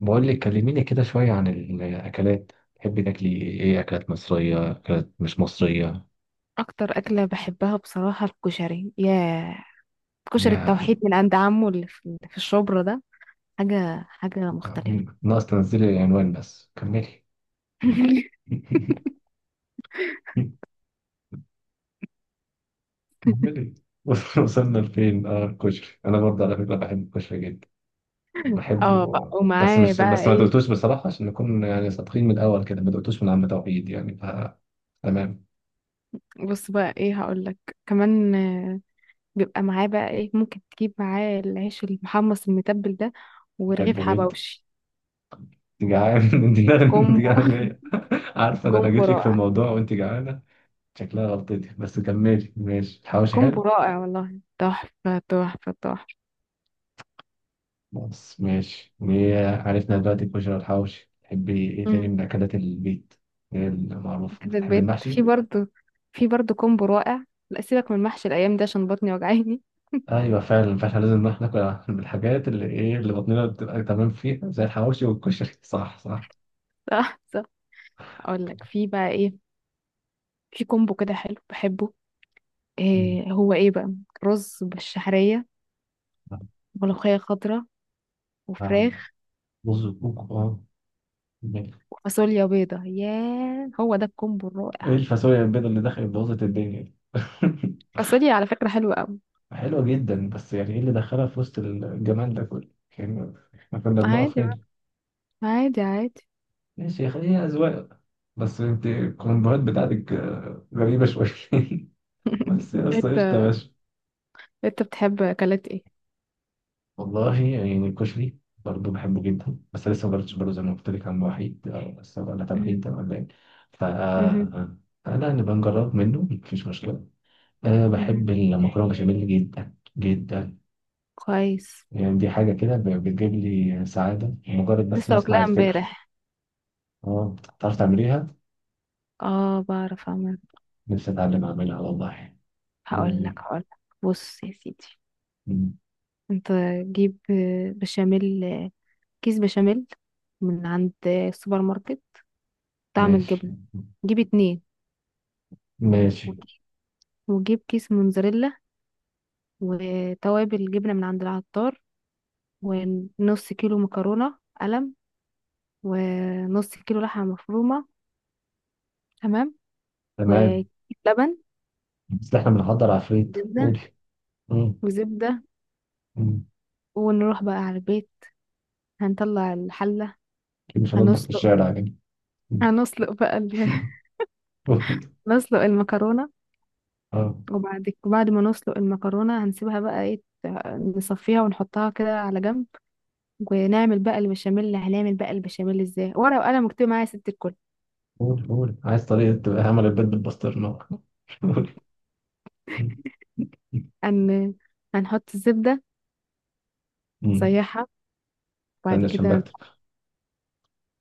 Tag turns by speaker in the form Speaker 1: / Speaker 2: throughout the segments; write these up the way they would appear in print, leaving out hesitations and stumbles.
Speaker 1: بقول لك كلميني كده شوية عن الأكلات، تحبي تاكلي إيه؟ أكلات مصرية، أكلات مش مصرية؟
Speaker 2: اكتر اكله بحبها بصراحه، الكشري. ياه، كشري
Speaker 1: يا
Speaker 2: التوحيد من عند عمو اللي في الشبرا ده. حاجه مختلفه.
Speaker 1: ناقص تنزلي العنوان، بس كملي. كملي. وصلنا لفين؟ اه الكشري، انا برضه على فكره بحب الكشري جدا،
Speaker 2: اه بقى،
Speaker 1: بحبه، بس
Speaker 2: ومعاه
Speaker 1: مش
Speaker 2: بقى
Speaker 1: بس ما دقتوش
Speaker 2: ايه؟
Speaker 1: بصراحه، عشان نكون يعني صادقين من الاول كده، ما دقتوش من عم توحيد يعني، تمام.
Speaker 2: بص بقى ايه هقول لك كمان. بيبقى معاه بقى ايه؟ ممكن تجيب معاه العيش المحمص المتبل ده، ورغيف
Speaker 1: بحبه جدا.
Speaker 2: حبوشي.
Speaker 1: انت جعان؟ انت جعان، انت
Speaker 2: كومبو.
Speaker 1: جعان جاية. عارفه ده انا
Speaker 2: كومبو
Speaker 1: جيت لك في
Speaker 2: رائع.
Speaker 1: الموضوع وانت جعانه، شكلها غلطتي، بس كملي ماشي. الحواوشي
Speaker 2: كومبو
Speaker 1: حلو.
Speaker 2: رائع والله، تحفة تحفة تحفة.
Speaker 1: بس ماشي إيه، عرفنا دلوقتي الكشري والحواوشي، تحبي ايه تاني
Speaker 2: امم
Speaker 1: من اكلات البيت؟ ايه المعروف،
Speaker 2: كده
Speaker 1: بتحبي
Speaker 2: البيت، في
Speaker 1: المحشي؟
Speaker 2: برضو. في برضو كومبو رائع. لا، سيبك من محشي الايام ده عشان بطني وجعاني.
Speaker 1: ايوه فعلا، فاحنا لازم إن احنا ناكل من الحاجات اللي ايه اللي بطننا بتبقى تمام فيها زي الحواوشي والكشري. صح صح.
Speaker 2: صح صح. اقول لك في بقى ايه. في كومبو كده حلو بحبه.
Speaker 1: مم.
Speaker 2: إيه هو ايه بقى؟ رز بالشعريه، ملوخيه خضراء،
Speaker 1: آه،
Speaker 2: وفراخ،
Speaker 1: رز وكوكو اه. ماشي.
Speaker 2: وفاصوليا بيضه. ياه، هو ده الكومبو
Speaker 1: ايه
Speaker 2: الرائع.
Speaker 1: الفاصوليا البيضاء اللي دخلت بوظت الدنيا دي؟
Speaker 2: فاصوليا على فكره حلوه قوي.
Speaker 1: حلوه جدا، بس يعني ايه اللي دخلها في وسط الجمال ده كله؟ يعني احنا كنا بنقف
Speaker 2: عادي بقى،
Speaker 1: هنا.
Speaker 2: عادي عادي.
Speaker 1: ماشي، هي أذواق. بس انت الكومبوهات بتاعتك آه، غريبة شوية. بس يا اسطى،
Speaker 2: انت
Speaker 1: قشطة يا باشا.
Speaker 2: انت بتحب اكلات ايه؟
Speaker 1: والله يعني الكشري برضه بحبه جدا، بس لسه ما جربتش برضه زي ما قلت لك عن وحيد آه، بس ولا تمهيد
Speaker 2: مهم.
Speaker 1: تمام باين. ف
Speaker 2: مهم.
Speaker 1: لا نبقى نجرب منه، مفيش مشكلة. أه
Speaker 2: مهم.
Speaker 1: بحب المكرونة بشاميل جدا جدا،
Speaker 2: كويس.
Speaker 1: يعني دي حاجة كده بتجيب لي سعادة مجرد بس ما
Speaker 2: لسه
Speaker 1: أسمع
Speaker 2: واكلاها
Speaker 1: الفكرة.
Speaker 2: امبارح.
Speaker 1: اه تعرف تعمليها؟
Speaker 2: اه بعرف اعمل.
Speaker 1: نفسي أتعلم أعملها والله.
Speaker 2: هقول
Speaker 1: مم.
Speaker 2: لك هقول لك بص يا سيدي.
Speaker 1: مم.
Speaker 2: انت جيب بشاميل، كيس بشاميل من عند السوبر ماركت، طعم
Speaker 1: ماشي.
Speaker 2: الجبنة. جيب اتنين.
Speaker 1: ماشي.
Speaker 2: وجيب كيس موزاريلا، وتوابل جبنة من عند العطار، ونص كيلو مكرونة قلم، ونص كيلو لحمة مفرومة. تمام. وكيس
Speaker 1: تمام.
Speaker 2: لبن.
Speaker 1: بس احنا بنحضر عفريت،
Speaker 2: زبدة.
Speaker 1: قولي. مم.
Speaker 2: وزبدة.
Speaker 1: مم.
Speaker 2: ونروح بقى على البيت. هنطلع الحلة.
Speaker 1: أكيد مش هنطبخ في
Speaker 2: هنسلق.
Speaker 1: الشارع يعني. مم.
Speaker 2: هنسلق بقى ال...
Speaker 1: قولي.
Speaker 2: نسلق المكرونة.
Speaker 1: اه.
Speaker 2: وبعد ما نسلق المكرونة هنسيبها بقى ايه، نصفيها ونحطها كده على جنب. ونعمل بقى البشاميل. هنعمل بقى البشاميل ازاي؟ ورقة وقلم مكتوب معايا، يا ست الكل.
Speaker 1: قولي قولي، عايز طريقة تبقى عمل البيض بالبسطرمة. قولي. مم.
Speaker 2: هن... هنحط الزبدة،
Speaker 1: مم.
Speaker 2: نسيحها،
Speaker 1: استنى
Speaker 2: وبعد
Speaker 1: عشان
Speaker 2: كده
Speaker 1: بكتب.
Speaker 2: نح-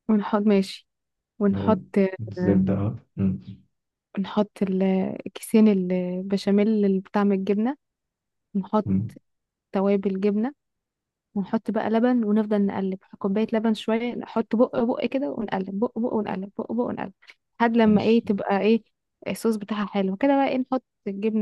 Speaker 2: ونحط، ماشي،
Speaker 1: مم.
Speaker 2: ونحط، آه،
Speaker 1: الزبدة اهو، مم.
Speaker 2: نحط كيسين البشاميل اللي بطعم الجبنة، ونحط
Speaker 1: مم.
Speaker 2: توابل جبنة، ونحط بقى لبن، ونفضل نقلب كوباية لبن شوية. نحط بق بق كده ونقلب بق بق، ونقلب بق بق، ونقلب لحد لما ايه،
Speaker 1: ماشي.
Speaker 2: تبقى ايه، الصوص بتاعها حلو كده، بقى ايه نحط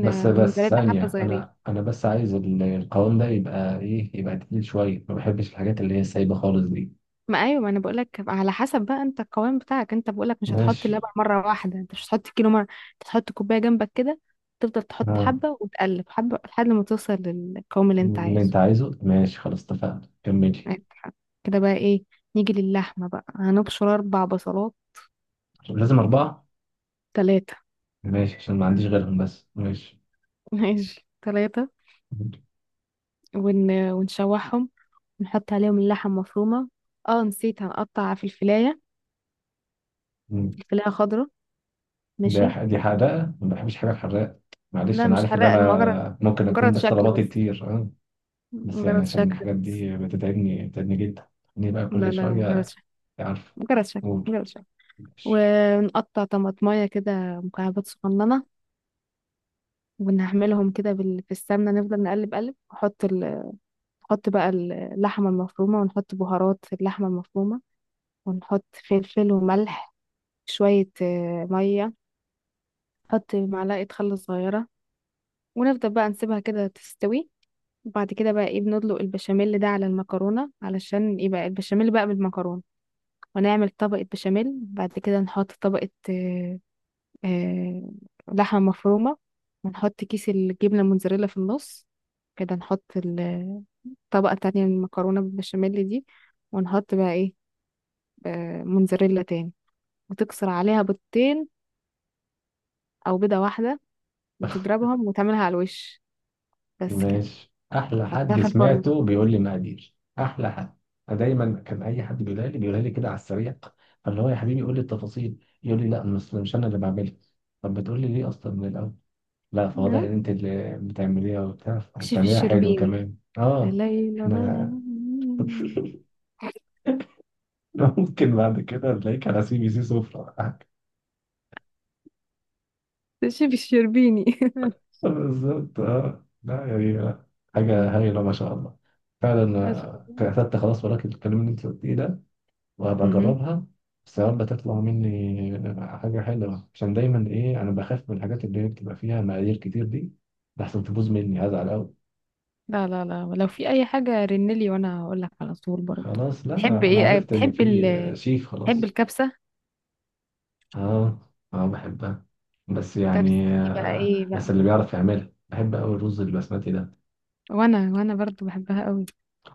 Speaker 1: بس بس
Speaker 2: موزاريلا، حبة
Speaker 1: ثانية،
Speaker 2: صغيرين.
Speaker 1: أنا بس عايز القوام ده يبقى إيه، يبقى تقيل شوية، ما بحبش الحاجات اللي هي سايبة خالص دي.
Speaker 2: ما ايوه، ما انا بقول لك على حسب بقى. انت القوام بتاعك. انت بقول لك مش هتحط
Speaker 1: ماشي.
Speaker 2: اللبن مره واحده. انت مش هتحط كيلو مره، انت هتحط كوبايه جنبك كده، تفضل تحط
Speaker 1: اه،
Speaker 2: حبه وتقلب حبه لحد ما توصل للقوام اللي انت
Speaker 1: اللي أنت
Speaker 2: عايزه.
Speaker 1: عايزه ماشي، خلاص اتفقنا، كملي.
Speaker 2: عندك حق. كده بقى ايه، نيجي للحمه بقى. هنبشر اربع بصلات.
Speaker 1: لازم أربعة.
Speaker 2: ثلاثه.
Speaker 1: ماشي، عشان ما عنديش غيرهم، بس ماشي.
Speaker 2: ماشي، ثلاثه. ونشوحهم، نحط عليهم اللحم مفرومه. اه نسيت، هنقطع في الفلايه،
Speaker 1: مم.
Speaker 2: الفلايه خضراء، ماشي.
Speaker 1: دي حدائق. ما بحبش حاجة حراقة، معلش
Speaker 2: لا،
Speaker 1: أنا
Speaker 2: مش
Speaker 1: عارف إن
Speaker 2: حراق، مجرد
Speaker 1: أنا ممكن أكون
Speaker 2: مجرد
Speaker 1: بس
Speaker 2: شكل
Speaker 1: طلباتي
Speaker 2: بس،
Speaker 1: كتير أه. بس يعني
Speaker 2: مجرد
Speaker 1: عشان
Speaker 2: شكل.
Speaker 1: الحاجات دي بتتعبني، بتتعبني جدا إني بقى
Speaker 2: لا
Speaker 1: كل
Speaker 2: لا، مجرد
Speaker 1: شوية.
Speaker 2: شك،
Speaker 1: عارف.
Speaker 2: مجرد شك،
Speaker 1: قول.
Speaker 2: مجرد شك.
Speaker 1: ماشي.
Speaker 2: ونقطع طماطمايه كده مكعبات صغننه، ونعملهم كده في السمنه، نفضل نقلب، قلب، نحط نحط بقى اللحمه المفرومه، ونحط بهارات في اللحمه المفرومه، ونحط فلفل وملح شويه، ميه، نحط معلقه خل صغيره، ونفضل بقى نسيبها كده تستوي. وبعد كده بقى ايه، بندلق البشاميل ده على المكرونه علشان يبقى البشاميل بقى بالمكرونه. ونعمل طبقه بشاميل. بعد كده نحط طبقه، آه، لحمة مفرومة. ونحط كيس الجبنة الموتزاريلا في النص. كده نحط طبقة تانية من المكرونة بالبشاميل دي، ونحط بقى ايه، موتزاريلا تاني. وتكسر عليها بيضتين، أو بيضة واحدة، وتضربهم وتعملها على الوش. بس كده.
Speaker 1: ماشي، أحلى
Speaker 2: حطها
Speaker 1: حد
Speaker 2: في الفرن.
Speaker 1: سمعته بيقول لي مقادير، أحلى حد. أنا دايما كان أي حد بيقولها لي كده على السريع، فاللي هو يا حبيبي قول لي التفاصيل، يقول لي لا، مش أنا اللي بعملها. طب بتقول لي ليه أصلا من الأول؟ لا فواضح
Speaker 2: آه،
Speaker 1: ان انت اللي بتعمليها وبتاع،
Speaker 2: شيف
Speaker 1: بتعمليها حلو
Speaker 2: الشربيني.
Speaker 1: كمان
Speaker 2: لا
Speaker 1: اه.
Speaker 2: لا لا. لا
Speaker 1: احنا
Speaker 2: لا لا.
Speaker 1: ممكن بعد كده نلاقيك على سي بي سي سفرة ولا حاجة.
Speaker 2: ده شيف الشربيني.
Speaker 1: بالظبط اه، لا يعني لا.
Speaker 2: مم.
Speaker 1: حاجة هايلة ما شاء الله. فعلا
Speaker 2: ما شاء
Speaker 1: آه، كتبت خلاص وراك الكلام اللي انت قلتيه ده، وهبقى
Speaker 2: الله.
Speaker 1: اجربها. بس يا رب تطلع مني حاجة حلوة، عشان دايما ايه انا بخاف من الحاجات اللي هي بتبقى فيها مقادير كتير دي، لحسن تبوظ مني هزعل قوي.
Speaker 2: لا لا لا، لو في اي حاجه رنلي وانا هقول لك على طول برضه.
Speaker 1: خلاص، لا
Speaker 2: تحب
Speaker 1: انا
Speaker 2: ايه،
Speaker 1: عرفت ان
Speaker 2: بتحب
Speaker 1: في آه، شيف.
Speaker 2: بتحب
Speaker 1: خلاص.
Speaker 2: الكبسه؟
Speaker 1: اه. اه بحبها، بس
Speaker 2: كبسه
Speaker 1: يعني
Speaker 2: دي بقى
Speaker 1: آه
Speaker 2: ايه
Speaker 1: بس
Speaker 2: بقى.
Speaker 1: اللي بيعرف يعملها بحب قوي الرز البسمتي ده،
Speaker 2: وانا برضه بحبها قوي.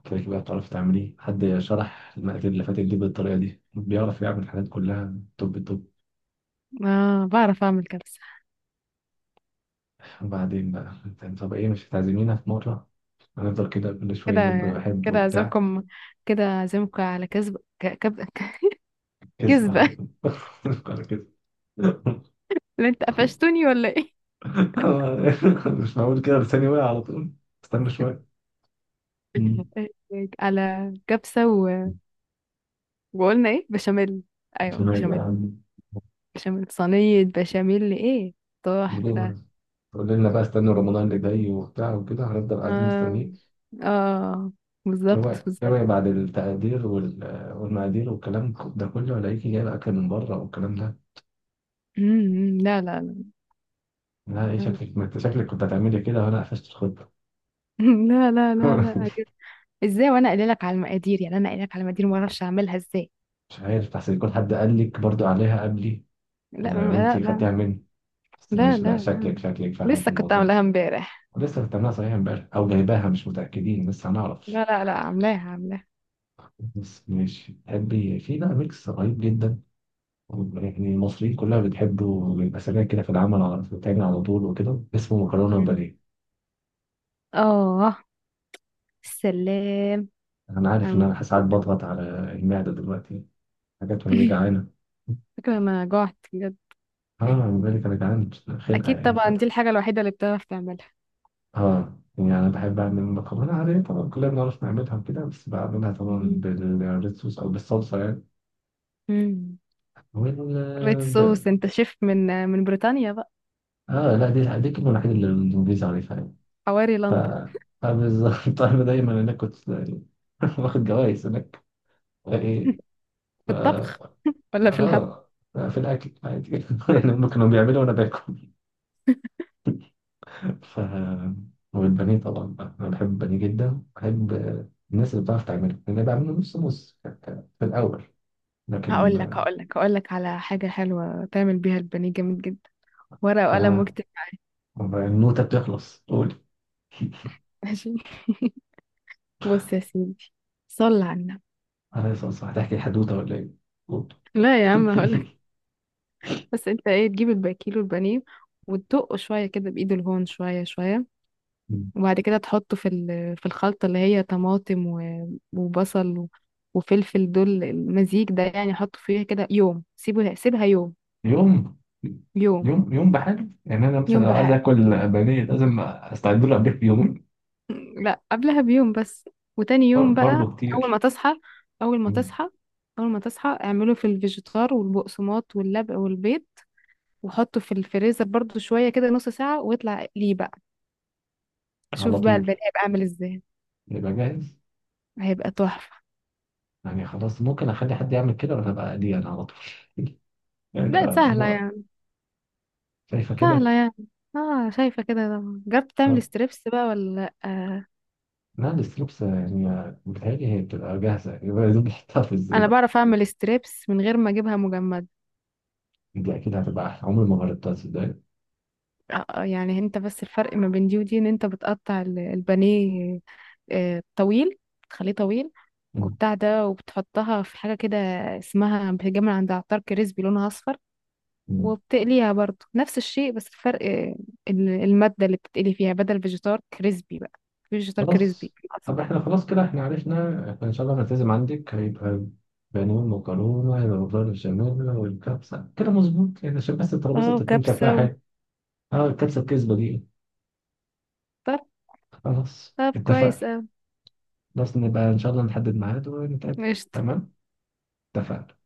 Speaker 1: كده كده بتعرف تعمليه. حد شرح المقادير اللي فاتت دي بالطريقه دي بيعرف يعمل الحاجات كلها توب توب.
Speaker 2: اه، بعرف اعمل كبسه.
Speaker 1: وبعدين بقى انت، طب ايه مش هتعزمينا في مره؟ هنفضل كده كل شويه
Speaker 2: كده.
Speaker 1: نقول بحب
Speaker 2: كده
Speaker 1: وبتاع.
Speaker 2: اعزمكم كده اعزمكم على كذب،
Speaker 1: كذب
Speaker 2: كذبه.
Speaker 1: على على كده.
Speaker 2: اللي انت قفشتوني ولا ايه؟
Speaker 1: مش معقول كده، لساني واقع على طول. استنى شويه. مم.
Speaker 2: على كبسه وقلنا ايه، بشاميل. ايوه، بشاميل.
Speaker 1: مش
Speaker 2: بشاميل صينيه، بشاميل ايه، تحفه.
Speaker 1: معقول. تقول لنا بقى استنوا رمضان اللي جاي وبتاع وكده، هنفضل قاعدين
Speaker 2: اه
Speaker 1: مستنيين.
Speaker 2: اه، بالظبط
Speaker 1: هو
Speaker 2: بالظبط.
Speaker 1: هو بعد التقدير والمقادير والكلام ده كله الاقيكي جايبه اكل من بره والكلام ده.
Speaker 2: لا لا لا.
Speaker 1: لا ايه شكلك، ما انت شكلك كنت هتعملي كده وانا قفشت الخطه.
Speaker 2: لا لا لا لا، أجل. ازاي وانا قايله لك على المقادير، يعني انا قايله لك على المقادير، ما اعرفش اعملها ازاي.
Speaker 1: مش عارف، احسن يكون حد قال لك برضو عليها قبلي و-
Speaker 2: لا لا
Speaker 1: وانتي خدتيها
Speaker 2: لا.
Speaker 1: مني. بس
Speaker 2: لا
Speaker 1: ماشي، لا
Speaker 2: لا
Speaker 1: شكلك،
Speaker 2: لا.
Speaker 1: شكلك فاهمه في
Speaker 2: لسه كنت
Speaker 1: الموضوع.
Speaker 2: عاملاها امبارح.
Speaker 1: ولسه بتعملها صحيح امبارح او جايباها، مش متاكدين لسه هنعرف.
Speaker 2: لا لا لا، عاملاها عاملاها.
Speaker 1: بس ماشي. تحبي في بقى ميكس رهيب جدا، يعني المصريين كلها بتحبه، بيبقى سريع كده في العمل على بتاعنا على طول وكده، اسمه مكرونة
Speaker 2: مم.
Speaker 1: وبانيه.
Speaker 2: اه، سلام
Speaker 1: أنا
Speaker 2: على
Speaker 1: عارف إن أنا ساعات
Speaker 2: المقادير.
Speaker 1: بضغط على المعدة دلوقتي حاجات وهي جعانة.
Speaker 2: فكرة، انا جوعت بجد.
Speaker 1: آه من بالك أنا جعان خلقة،
Speaker 2: اكيد
Speaker 1: يعني
Speaker 2: طبعا،
Speaker 1: فتح.
Speaker 2: دي الحاجه الوحيده اللي بتعرف تعملها.
Speaker 1: آه يعني أنا بحب أعمل مكرونة عادية طبعا، كلنا بنعرف نعملها وكده، بس بعملها طبعا
Speaker 2: مم.
Speaker 1: بالريد صوص أو بالصلصة يعني.
Speaker 2: مم. ريد
Speaker 1: وال
Speaker 2: صوص؟ انت شيف من بريطانيا بقى؟
Speaker 1: آه لا، دي الكلمة الوحيدة اللي الإنجليزي عارفها يعني،
Speaker 2: حواري
Speaker 1: ف
Speaker 2: لندن.
Speaker 1: فبالظبط. أنا دايما هناك كنت. واخد جوايز هناك، إيه
Speaker 2: في الطبخ ولا في الهبل؟
Speaker 1: اه في الاكل عادي. يعني هم كانوا بيعملوا وانا باكل. ف والبانيه طبعا بقى. انا بحب البانيه جدا، بحب الناس اللي بتعرف تعمله، لان أنا بعمله نص نص في الاول، لكن
Speaker 2: هقول لك على حاجة حلوة تعمل بيها البانيه جامد جدا. ورقة وقلم
Speaker 1: آه.
Speaker 2: واكتب معايا.
Speaker 1: النوته بتخلص، قولي.
Speaker 2: ماشي، بص يا سيدي، صل على النبي.
Speaker 1: انا صح، هتحكي حدوته ولا ايه؟ قولي.
Speaker 2: لا يا عم هقول لك. بس انت ايه، تجيب الباكيلو البانيه وتدقه شوية كده بإيد الهون، شوية شوية. وبعد كده تحطه في في الخلطة اللي هي طماطم، وبصل، وفلفل، دول المزيج ده يعني. حطه فيها كده يوم. سيبها يوم.
Speaker 1: يوم
Speaker 2: يوم.
Speaker 1: يوم. يوم بحاله يعني، انا مثلا
Speaker 2: يوم
Speaker 1: لو عايز
Speaker 2: بحال.
Speaker 1: اكل بانيه لازم استعد له قبلها بيومين.
Speaker 2: لا، قبلها بيوم بس. وتاني يوم بقى،
Speaker 1: برضه
Speaker 2: اول ما
Speaker 1: كتير.
Speaker 2: تصحى، اول ما
Speaker 1: مم.
Speaker 2: تصحى، اول ما تصحى، اعمله في الفيجيتار والبقسماط واللبق والبيض. وحطه في الفريزر برضو شوية كده، نص ساعة، ويطلع ليه بقى.
Speaker 1: على
Speaker 2: شوف بقى البني
Speaker 1: طول
Speaker 2: هيبقى عامل ازاي.
Speaker 1: يبقى جاهز.
Speaker 2: هيبقى تحفة.
Speaker 1: يعني خلاص ممكن اخلي حد يعمل كده، ولا ابقى دي انا على طول. يعني
Speaker 2: لا، سهلة
Speaker 1: آه،
Speaker 2: يعني.
Speaker 1: شايفه كده.
Speaker 2: سهلة يعني. اه، شايفة كده طبعا. جربت
Speaker 1: آه،
Speaker 2: تعمل ستريبس بقى ولا لأ؟ آه.
Speaker 1: لا لسه لبسه يعني آه، بتهيألي هي بتبقى جاهزه. يبقى يا دوب بحطها في
Speaker 2: انا
Speaker 1: الزيت.
Speaker 2: بعرف اعمل ستريبس من غير ما اجيبها مجمدة.
Speaker 1: دي اكيد هتبقى احلى، عمري ما جربتها تصدق.
Speaker 2: اه، يعني انت بس الفرق ما بين دي ودي، ان انت بتقطع البانيه، طويل، تخليه طويل.
Speaker 1: مم.
Speaker 2: وبتاع ده، وبتحطها في حاجة كده اسمها، بتتجمع عند عطار، كريسبي، لونها اصفر.
Speaker 1: مم.
Speaker 2: وبتقليها برضو نفس الشيء. بس الفرق المادة اللي بتتقلي فيها، بدل فيجيتار كريسبي بقى، فيجيتار كريسبي
Speaker 1: خلاص.
Speaker 2: اصفر.
Speaker 1: طب احنا خلاص كده احنا عرفنا، احنا ان شاء الله هنلتزم عندك. هيبقى بانيه، المكرونه هيبقى مكرونه بشاميل، والكبسه كده مظبوط يعني، عشان بس الترابيزه
Speaker 2: اه،
Speaker 1: تكون شكلها
Speaker 2: وكبسة
Speaker 1: حلو. اه الكبسه الكذبه دي.
Speaker 2: طب
Speaker 1: خلاص
Speaker 2: طب كويس،
Speaker 1: اتفقنا.
Speaker 2: اه،
Speaker 1: خلاص نبقى ان شاء الله نحدد ميعاد ونتقابل.
Speaker 2: قشطة.
Speaker 1: تمام. اتفقنا.